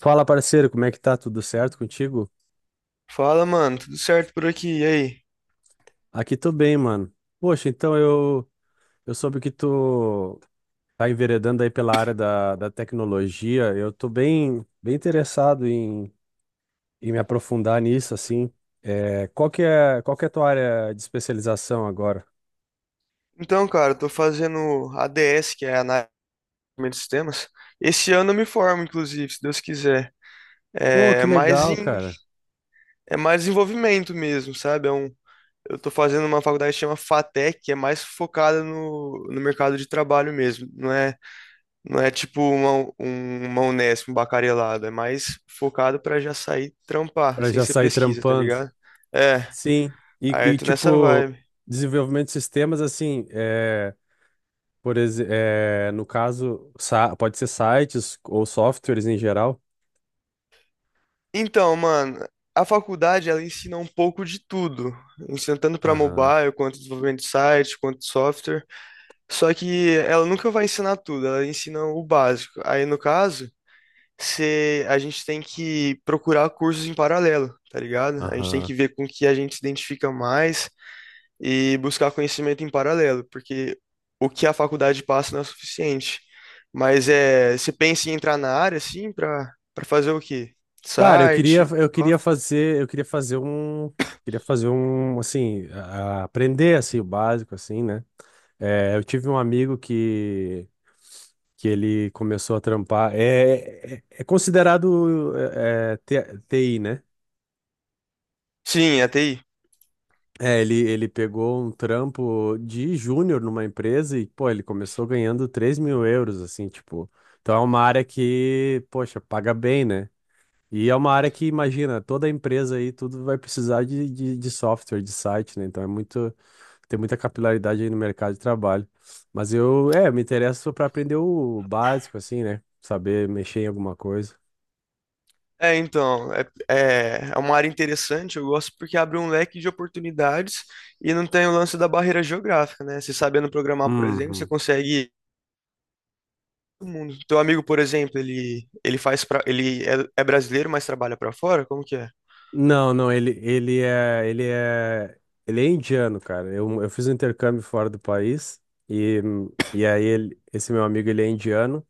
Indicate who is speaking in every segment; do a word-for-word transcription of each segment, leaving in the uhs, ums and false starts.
Speaker 1: Fala, parceiro, como é que tá? Tudo certo contigo?
Speaker 2: Fala, mano, tudo certo por aqui? E aí?
Speaker 1: Aqui tô bem, mano. Poxa, então eu, eu soube que tu tá enveredando aí pela área da, da tecnologia. Eu tô bem, bem interessado em, em me aprofundar nisso, assim. É, qual que é, qual que é a tua área de especialização agora?
Speaker 2: Então, cara, eu tô fazendo A D S, que é Análise de Desenvolvimento de Sistemas. Esse ano eu me formo, inclusive, se Deus quiser.
Speaker 1: Pô, que
Speaker 2: É mais
Speaker 1: legal,
Speaker 2: em,
Speaker 1: cara.
Speaker 2: é mais desenvolvimento mesmo, sabe? É um, eu tô fazendo uma faculdade que chama FATEC, que é mais focada no, no mercado de trabalho mesmo. Não é, não é tipo uma, um- uma Unesp, um bacharelado. É mais focado pra já sair trampar,
Speaker 1: Pra
Speaker 2: sem
Speaker 1: já
Speaker 2: ser
Speaker 1: sair
Speaker 2: pesquisa, tá
Speaker 1: trampando.
Speaker 2: ligado? É,
Speaker 1: Sim. E,
Speaker 2: aí eu
Speaker 1: e
Speaker 2: tô nessa
Speaker 1: tipo,
Speaker 2: vibe.
Speaker 1: desenvolvimento de sistemas, assim, é, por exemplo, no caso, sa- pode ser sites ou softwares em geral.
Speaker 2: Então, mano, a faculdade ela ensina um pouco de tudo, ensina tanto para
Speaker 1: Aham,
Speaker 2: mobile, quanto desenvolvimento de site, quanto software. Só que ela nunca vai ensinar tudo, ela ensina o básico. Aí no caso, se a gente tem que procurar cursos em paralelo, tá ligado? A gente tem que
Speaker 1: aham.
Speaker 2: ver com o que a gente se identifica mais e buscar conhecimento em paralelo, porque o que a faculdade passa não é suficiente. Mas é, você pensa em entrar na área assim para para fazer o quê?
Speaker 1: Cara, eu queria,
Speaker 2: Site,
Speaker 1: eu queria fazer, eu queria fazer um, queria fazer um, assim, a- a- aprender assim o básico, assim, né? É, eu tive um amigo que que ele começou a trampar. É, é, é considerado é, é, T- TI, né?
Speaker 2: sim, a T I.
Speaker 1: É, ele, ele pegou um trampo de júnior numa empresa e, pô, ele começou ganhando três mil euros, assim, tipo. Então é uma área que, poxa, paga bem, né? E é uma área que, imagina, toda empresa aí, tudo vai precisar de, de, de software, de site, né? Então é muito, tem muita capilaridade aí no mercado de trabalho. Mas eu, é, me interesso para aprender o básico, assim, né? Saber mexer em alguma coisa.
Speaker 2: É, então, é, é, é uma área interessante, eu gosto porque abre um leque de oportunidades e não tem o lance da barreira geográfica, né? Você sabendo programar, por exemplo, você
Speaker 1: Uhum.
Speaker 2: consegue todo mundo. Teu amigo, por exemplo, ele ele faz pra, ele é, é brasileiro, mas trabalha pra fora? Como que é?
Speaker 1: Não, não, ele, ele é, ele é, ele é indiano, cara. Eu, eu fiz um intercâmbio fora do país e, e aí ele, esse meu amigo, ele é indiano.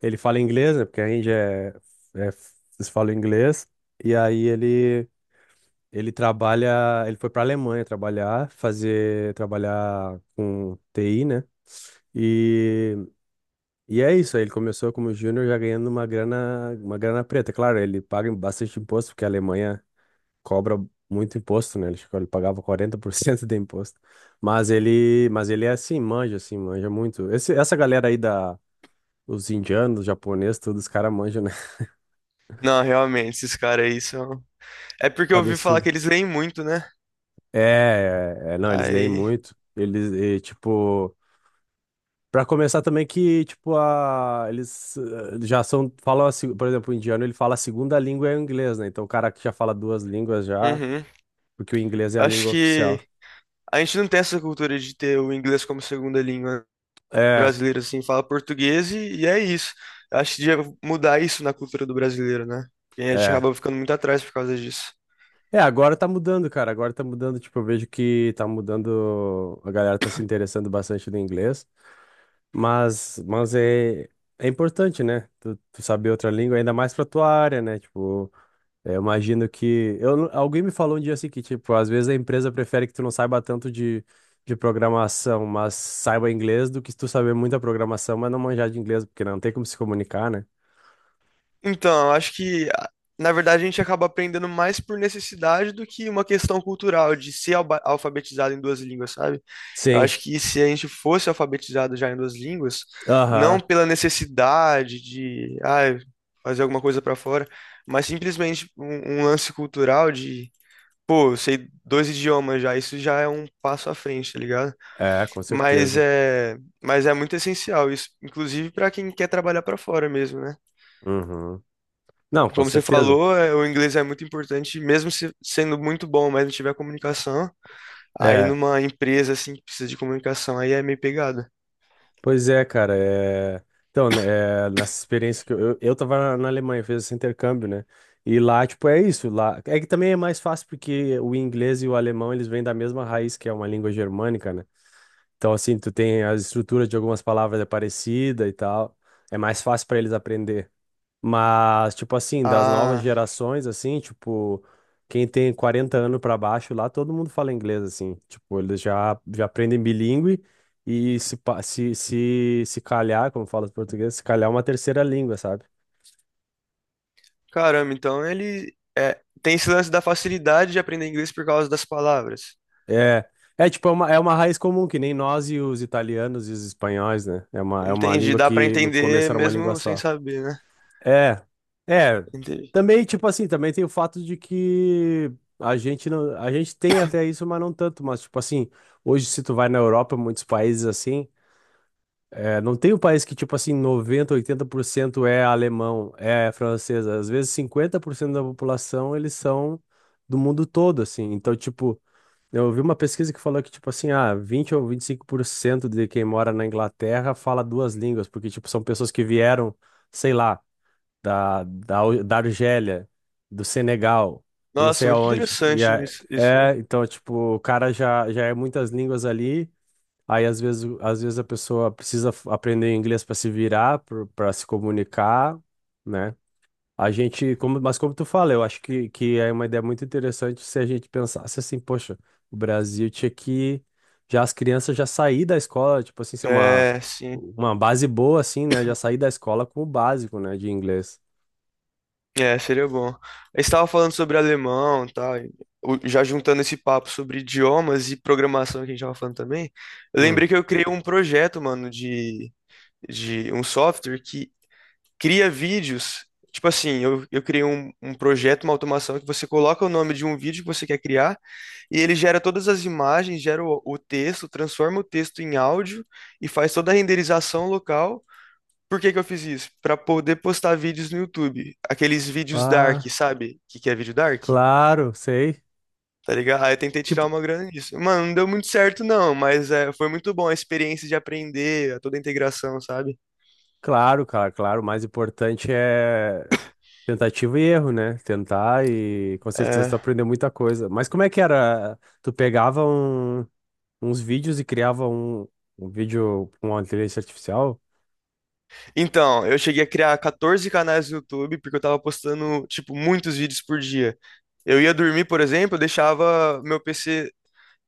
Speaker 1: Ele fala inglês, né? Porque a Índia é, é, eles falam inglês. E aí ele, ele trabalha, ele foi para Alemanha trabalhar, fazer, trabalhar com T I, né? E, e é isso, aí ele começou como júnior já ganhando uma grana, uma grana preta. Claro, ele paga bastante imposto, porque a Alemanha cobra muito imposto, né? Ele, acho que ele pagava quarenta por cento de imposto. Mas ele, mas ele é assim, manja, assim, manja muito. Esse, essa galera aí da, os indianos, japoneses, todos os caras manjam, né?
Speaker 2: Não, realmente, esses caras aí são. É porque eu ouvi falar que
Speaker 1: Cabeçudo.
Speaker 2: eles leem muito, né?
Speaker 1: É, é, é, não, eles leem
Speaker 2: Aí,
Speaker 1: muito. Eles, e, tipo, pra começar também que, tipo, a, eles eh, já são, falam, a se- por exemplo, o indiano, ele fala a segunda língua é o inglês, né? Então o cara que já fala duas línguas já,
Speaker 2: uhum.
Speaker 1: porque o inglês é a
Speaker 2: Acho
Speaker 1: língua oficial.
Speaker 2: que a gente não tem essa cultura de ter o inglês como segunda língua.
Speaker 1: É,
Speaker 2: Brasileiro assim fala português e, e é isso. Eu acho que devia mudar isso na cultura do brasileiro, né? Porque a gente
Speaker 1: é.
Speaker 2: acaba ficando muito atrás por causa disso.
Speaker 1: É, agora tá mudando, cara. Agora tá mudando. Tipo, eu vejo que tá mudando. A galera tá se interessando bastante no inglês. Mas, mas é, é importante, né? Tu, tu saber outra língua, ainda mais pra tua área, né? Tipo, é, eu imagino que. Eu, não- alguém me falou um dia assim que, tipo, às vezes a empresa prefere que tu não saiba tanto de, de programação, mas saiba inglês do que tu saber muita programação, mas não manjar de inglês, porque não tem como se comunicar, né?
Speaker 2: Então, eu acho que a- na verdade a gente acaba aprendendo mais por necessidade do que uma questão cultural de ser alba- alfabetizado em duas línguas, sabe? Eu
Speaker 1: Sim.
Speaker 2: acho que se a gente fosse alfabetizado já em duas línguas, não
Speaker 1: Aham.
Speaker 2: pela necessidade de, ah, fazer alguma coisa pra fora, mas simplesmente um, um lance cultural de pô, eu sei dois idiomas já, isso já é um passo à frente, tá ligado?
Speaker 1: É, com
Speaker 2: Mas
Speaker 1: certeza.
Speaker 2: é, mas é muito essencial isso, inclusive pra quem quer trabalhar pra fora mesmo, né?
Speaker 1: Uhum. Não, com
Speaker 2: Como você
Speaker 1: certeza.
Speaker 2: falou, é, o inglês é muito importante, mesmo se- sendo muito bom, mas não tiver comunicação, aí
Speaker 1: É.
Speaker 2: numa empresa assim que precisa de comunicação, aí é meio pegada.
Speaker 1: Pois é, cara. é- Então, né, é, nessa experiência que eu, eu, eu tava na na Alemanha, fiz esse intercâmbio, né? E lá, tipo, é isso. Lá... é que também é mais fácil porque o inglês e o alemão, eles vêm da mesma raiz, que é uma língua germânica, né? Então, assim, tu tem as estruturas de algumas palavras é parecida e tal. É mais fácil para eles aprender. Mas, tipo assim, das novas
Speaker 2: Ah,
Speaker 1: gerações, assim, tipo, quem tem quarenta anos pra baixo lá, todo mundo fala inglês, assim. Tipo, eles já, já aprendem bilíngue e se, pa- se, se, se calhar, como fala os portugueses, se calhar é uma terceira língua, sabe?
Speaker 2: caramba, então ele é, tem esse lance da facilidade de aprender inglês por causa das palavras.
Speaker 1: É, é tipo, é uma, é uma raiz comum, que nem nós e os italianos e os espanhóis, né? É uma, é uma
Speaker 2: Entendi,
Speaker 1: língua
Speaker 2: dá pra
Speaker 1: que no
Speaker 2: entender
Speaker 1: começo era uma língua
Speaker 2: mesmo sem
Speaker 1: só.
Speaker 2: saber, né?
Speaker 1: É, é.
Speaker 2: Entendi.
Speaker 1: Também, tipo assim, também tem o fato de que a gente não, a gente tem até isso, mas não tanto. Mas, tipo assim, hoje se tu vai na Europa, muitos países assim, é, não tem um país que, tipo assim, noventa oitenta por cento é alemão, é francês. Às vezes cinquenta por cento da população, eles são do mundo todo, assim. Então, tipo, eu ouvi uma pesquisa que falou que, tipo assim, ah, vinte ou vinte e cinco por cento de quem mora na Inglaterra fala duas línguas, porque, tipo, são pessoas que vieram, sei lá da, da, Al- da Argélia, do Senegal, eu não sei
Speaker 2: Nossa, muito
Speaker 1: aonde. E
Speaker 2: interessante
Speaker 1: é,
Speaker 2: nisso- isso, né?
Speaker 1: é, então, tipo, o cara já, já é muitas línguas ali. Aí, às vezes, o- às vezes a pessoa precisa f- aprender inglês para se virar, para se comunicar, né? A gente, como, mas como tu fala, eu acho que, que é uma ideia muito interessante se a gente pensasse assim, poxa, o Brasil tinha que já as crianças já sair da escola, tipo assim, ser uma,
Speaker 2: É, sim.
Speaker 1: uma base boa, assim, né? Já sair da escola com o básico, né, de inglês.
Speaker 2: É, seria bom. Eu estava falando sobre alemão e tal, e o- já juntando esse papo sobre idiomas e programação que a gente estava falando também, eu
Speaker 1: Hum.
Speaker 2: lembrei que eu criei um projeto, mano, de, de um software que cria vídeos. Tipo assim, eu, eu criei um, um projeto, uma automação que você coloca o nome de um vídeo que você quer criar e ele gera todas as imagens, gera o, o texto, transforma o texto em áudio e faz toda a renderização local. Por que que eu fiz isso? Pra poder postar vídeos no YouTube. Aqueles vídeos dark,
Speaker 1: Ah,
Speaker 2: sabe? O que que é vídeo dark?
Speaker 1: claro, sei.
Speaker 2: Tá ligado? Aí eu tentei tirar
Speaker 1: Tipo,
Speaker 2: uma grana nisso. Mano, não deu muito certo não, mas é, foi muito bom a experiência de aprender, toda a integração, sabe?
Speaker 1: claro, cara, claro. O mais importante é tentativa e erro, né? Tentar e com certeza tu
Speaker 2: É.
Speaker 1: aprendeu muita coisa. Mas como é que era? Tu pegava um- uns vídeos e criava um, um vídeo com uma inteligência artificial?
Speaker 2: Então, eu cheguei a criar quatorze canais no YouTube porque eu tava postando, tipo, muitos vídeos por dia. Eu ia dormir, por exemplo, eu deixava meu P C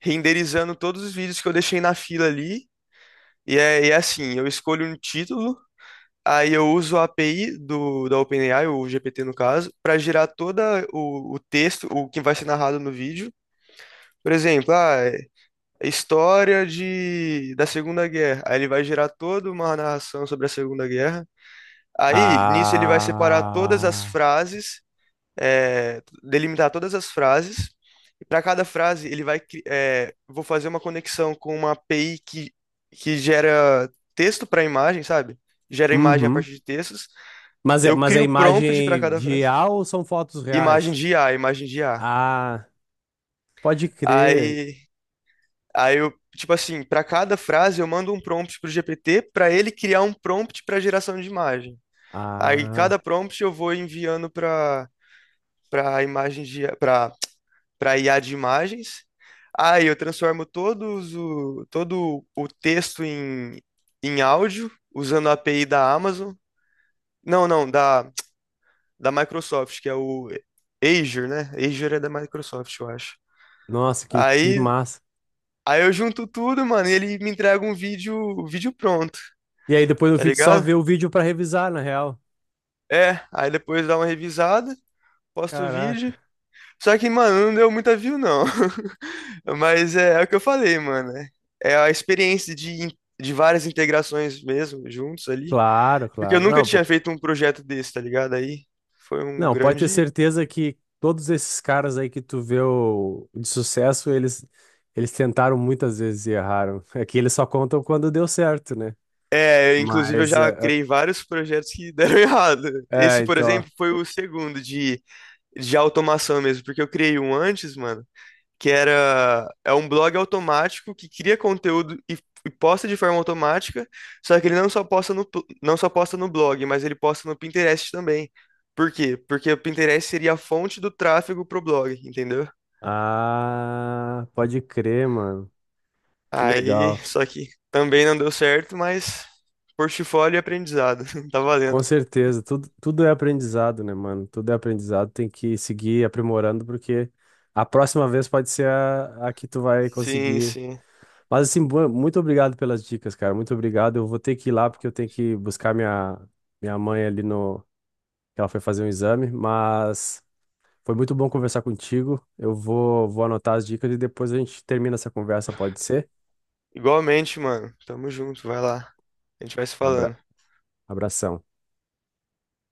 Speaker 2: renderizando todos os vídeos que eu deixei na fila ali. E é, e é assim, eu escolho um título, aí eu uso a API do, da OpenAI, o G P T no caso, para gerar todo o, o texto, o que vai ser narrado no vídeo. Por exemplo, ah, é- é história de, da Segunda Guerra. Aí ele vai gerar toda uma narração sobre a Segunda Guerra. Aí, nisso, ele vai separar todas as
Speaker 1: Ah,
Speaker 2: frases, é, delimitar todas as frases. E para cada frase, ele vai, cri- é, vou fazer uma conexão com uma A P I que, que gera texto para imagem, sabe? Gera imagem a
Speaker 1: uhum.
Speaker 2: partir de textos.
Speaker 1: Mas é,
Speaker 2: Eu
Speaker 1: mas é
Speaker 2: crio prompt para
Speaker 1: imagem
Speaker 2: cada
Speaker 1: de
Speaker 2: frase.
Speaker 1: I A ou são fotos
Speaker 2: Imagem
Speaker 1: reais?
Speaker 2: de I A, imagem de I A.
Speaker 1: Ah, pode crer.
Speaker 2: Aí, aí eu, tipo assim, para cada frase eu mando um prompt pro G P T para ele criar um prompt para geração de imagem. Aí
Speaker 1: Ah,
Speaker 2: cada prompt eu vou enviando para para imagem de para para I A de imagens. Aí eu transformo todos o todo o texto em em áudio usando a API da Amazon. Não, não, da da Microsoft, que é o Azure, né? Azure é da Microsoft, eu acho.
Speaker 1: nossa, que, que
Speaker 2: Aí,
Speaker 1: massa.
Speaker 2: aí eu junto tudo, mano, e ele me entrega um vídeo, vídeo pronto,
Speaker 1: E aí depois no
Speaker 2: tá
Speaker 1: fim tu só
Speaker 2: ligado?
Speaker 1: vê o vídeo pra revisar, na real.
Speaker 2: É, aí depois dá uma revisada, posto o vídeo.
Speaker 1: Caraca.
Speaker 2: Só que, mano, não deu muita view, não. Mas é, é o que eu falei, mano. É é a experiência de, in- de várias integrações mesmo, juntos ali.
Speaker 1: Claro,
Speaker 2: Porque eu
Speaker 1: claro.
Speaker 2: nunca
Speaker 1: Não,
Speaker 2: tinha
Speaker 1: pô.
Speaker 2: feito um projeto desse, tá ligado? Aí foi um
Speaker 1: Não, pode ter
Speaker 2: grande.
Speaker 1: certeza que todos esses caras aí que tu vê o... de sucesso, eles eles tentaram muitas vezes e erraram. É que eles só contam quando deu certo, né?
Speaker 2: É, inclusive eu
Speaker 1: Mas
Speaker 2: já
Speaker 1: é,
Speaker 2: criei vários projetos que deram errado.
Speaker 1: é, é,
Speaker 2: Esse, por
Speaker 1: então,
Speaker 2: exemplo, foi o segundo de, de automação mesmo, porque eu criei um antes, mano. Que era é um blog automático que cria conteúdo e, e posta de forma automática, só que ele não só posta no pl- não só posta no blog, mas ele posta no Pinterest também. Por quê? Porque o Pinterest seria a fonte do tráfego pro blog, entendeu?
Speaker 1: ah, pode crer, mano. Que
Speaker 2: Aí,
Speaker 1: legal.
Speaker 2: só que também não deu certo, mas portfólio e aprendizado, tá
Speaker 1: Com
Speaker 2: valendo.
Speaker 1: certeza, tudo, tudo é aprendizado, né, mano? Tudo é aprendizado, tem que seguir aprimorando, porque a próxima vez pode ser a, a que tu vai
Speaker 2: Sim,
Speaker 1: conseguir.
Speaker 2: sim.
Speaker 1: Mas, assim, bu- muito obrigado pelas dicas, cara. Muito obrigado. Eu vou ter que ir lá, porque eu tenho que buscar minha, minha mãe ali no. Que ela foi fazer um exame, mas foi muito bom conversar contigo. Eu vou, vou anotar as dicas e depois a gente termina essa conversa, pode ser?
Speaker 2: Igualmente, mano. Tamo junto, vai lá. A gente vai se
Speaker 1: Abra,
Speaker 2: falando.
Speaker 1: abração.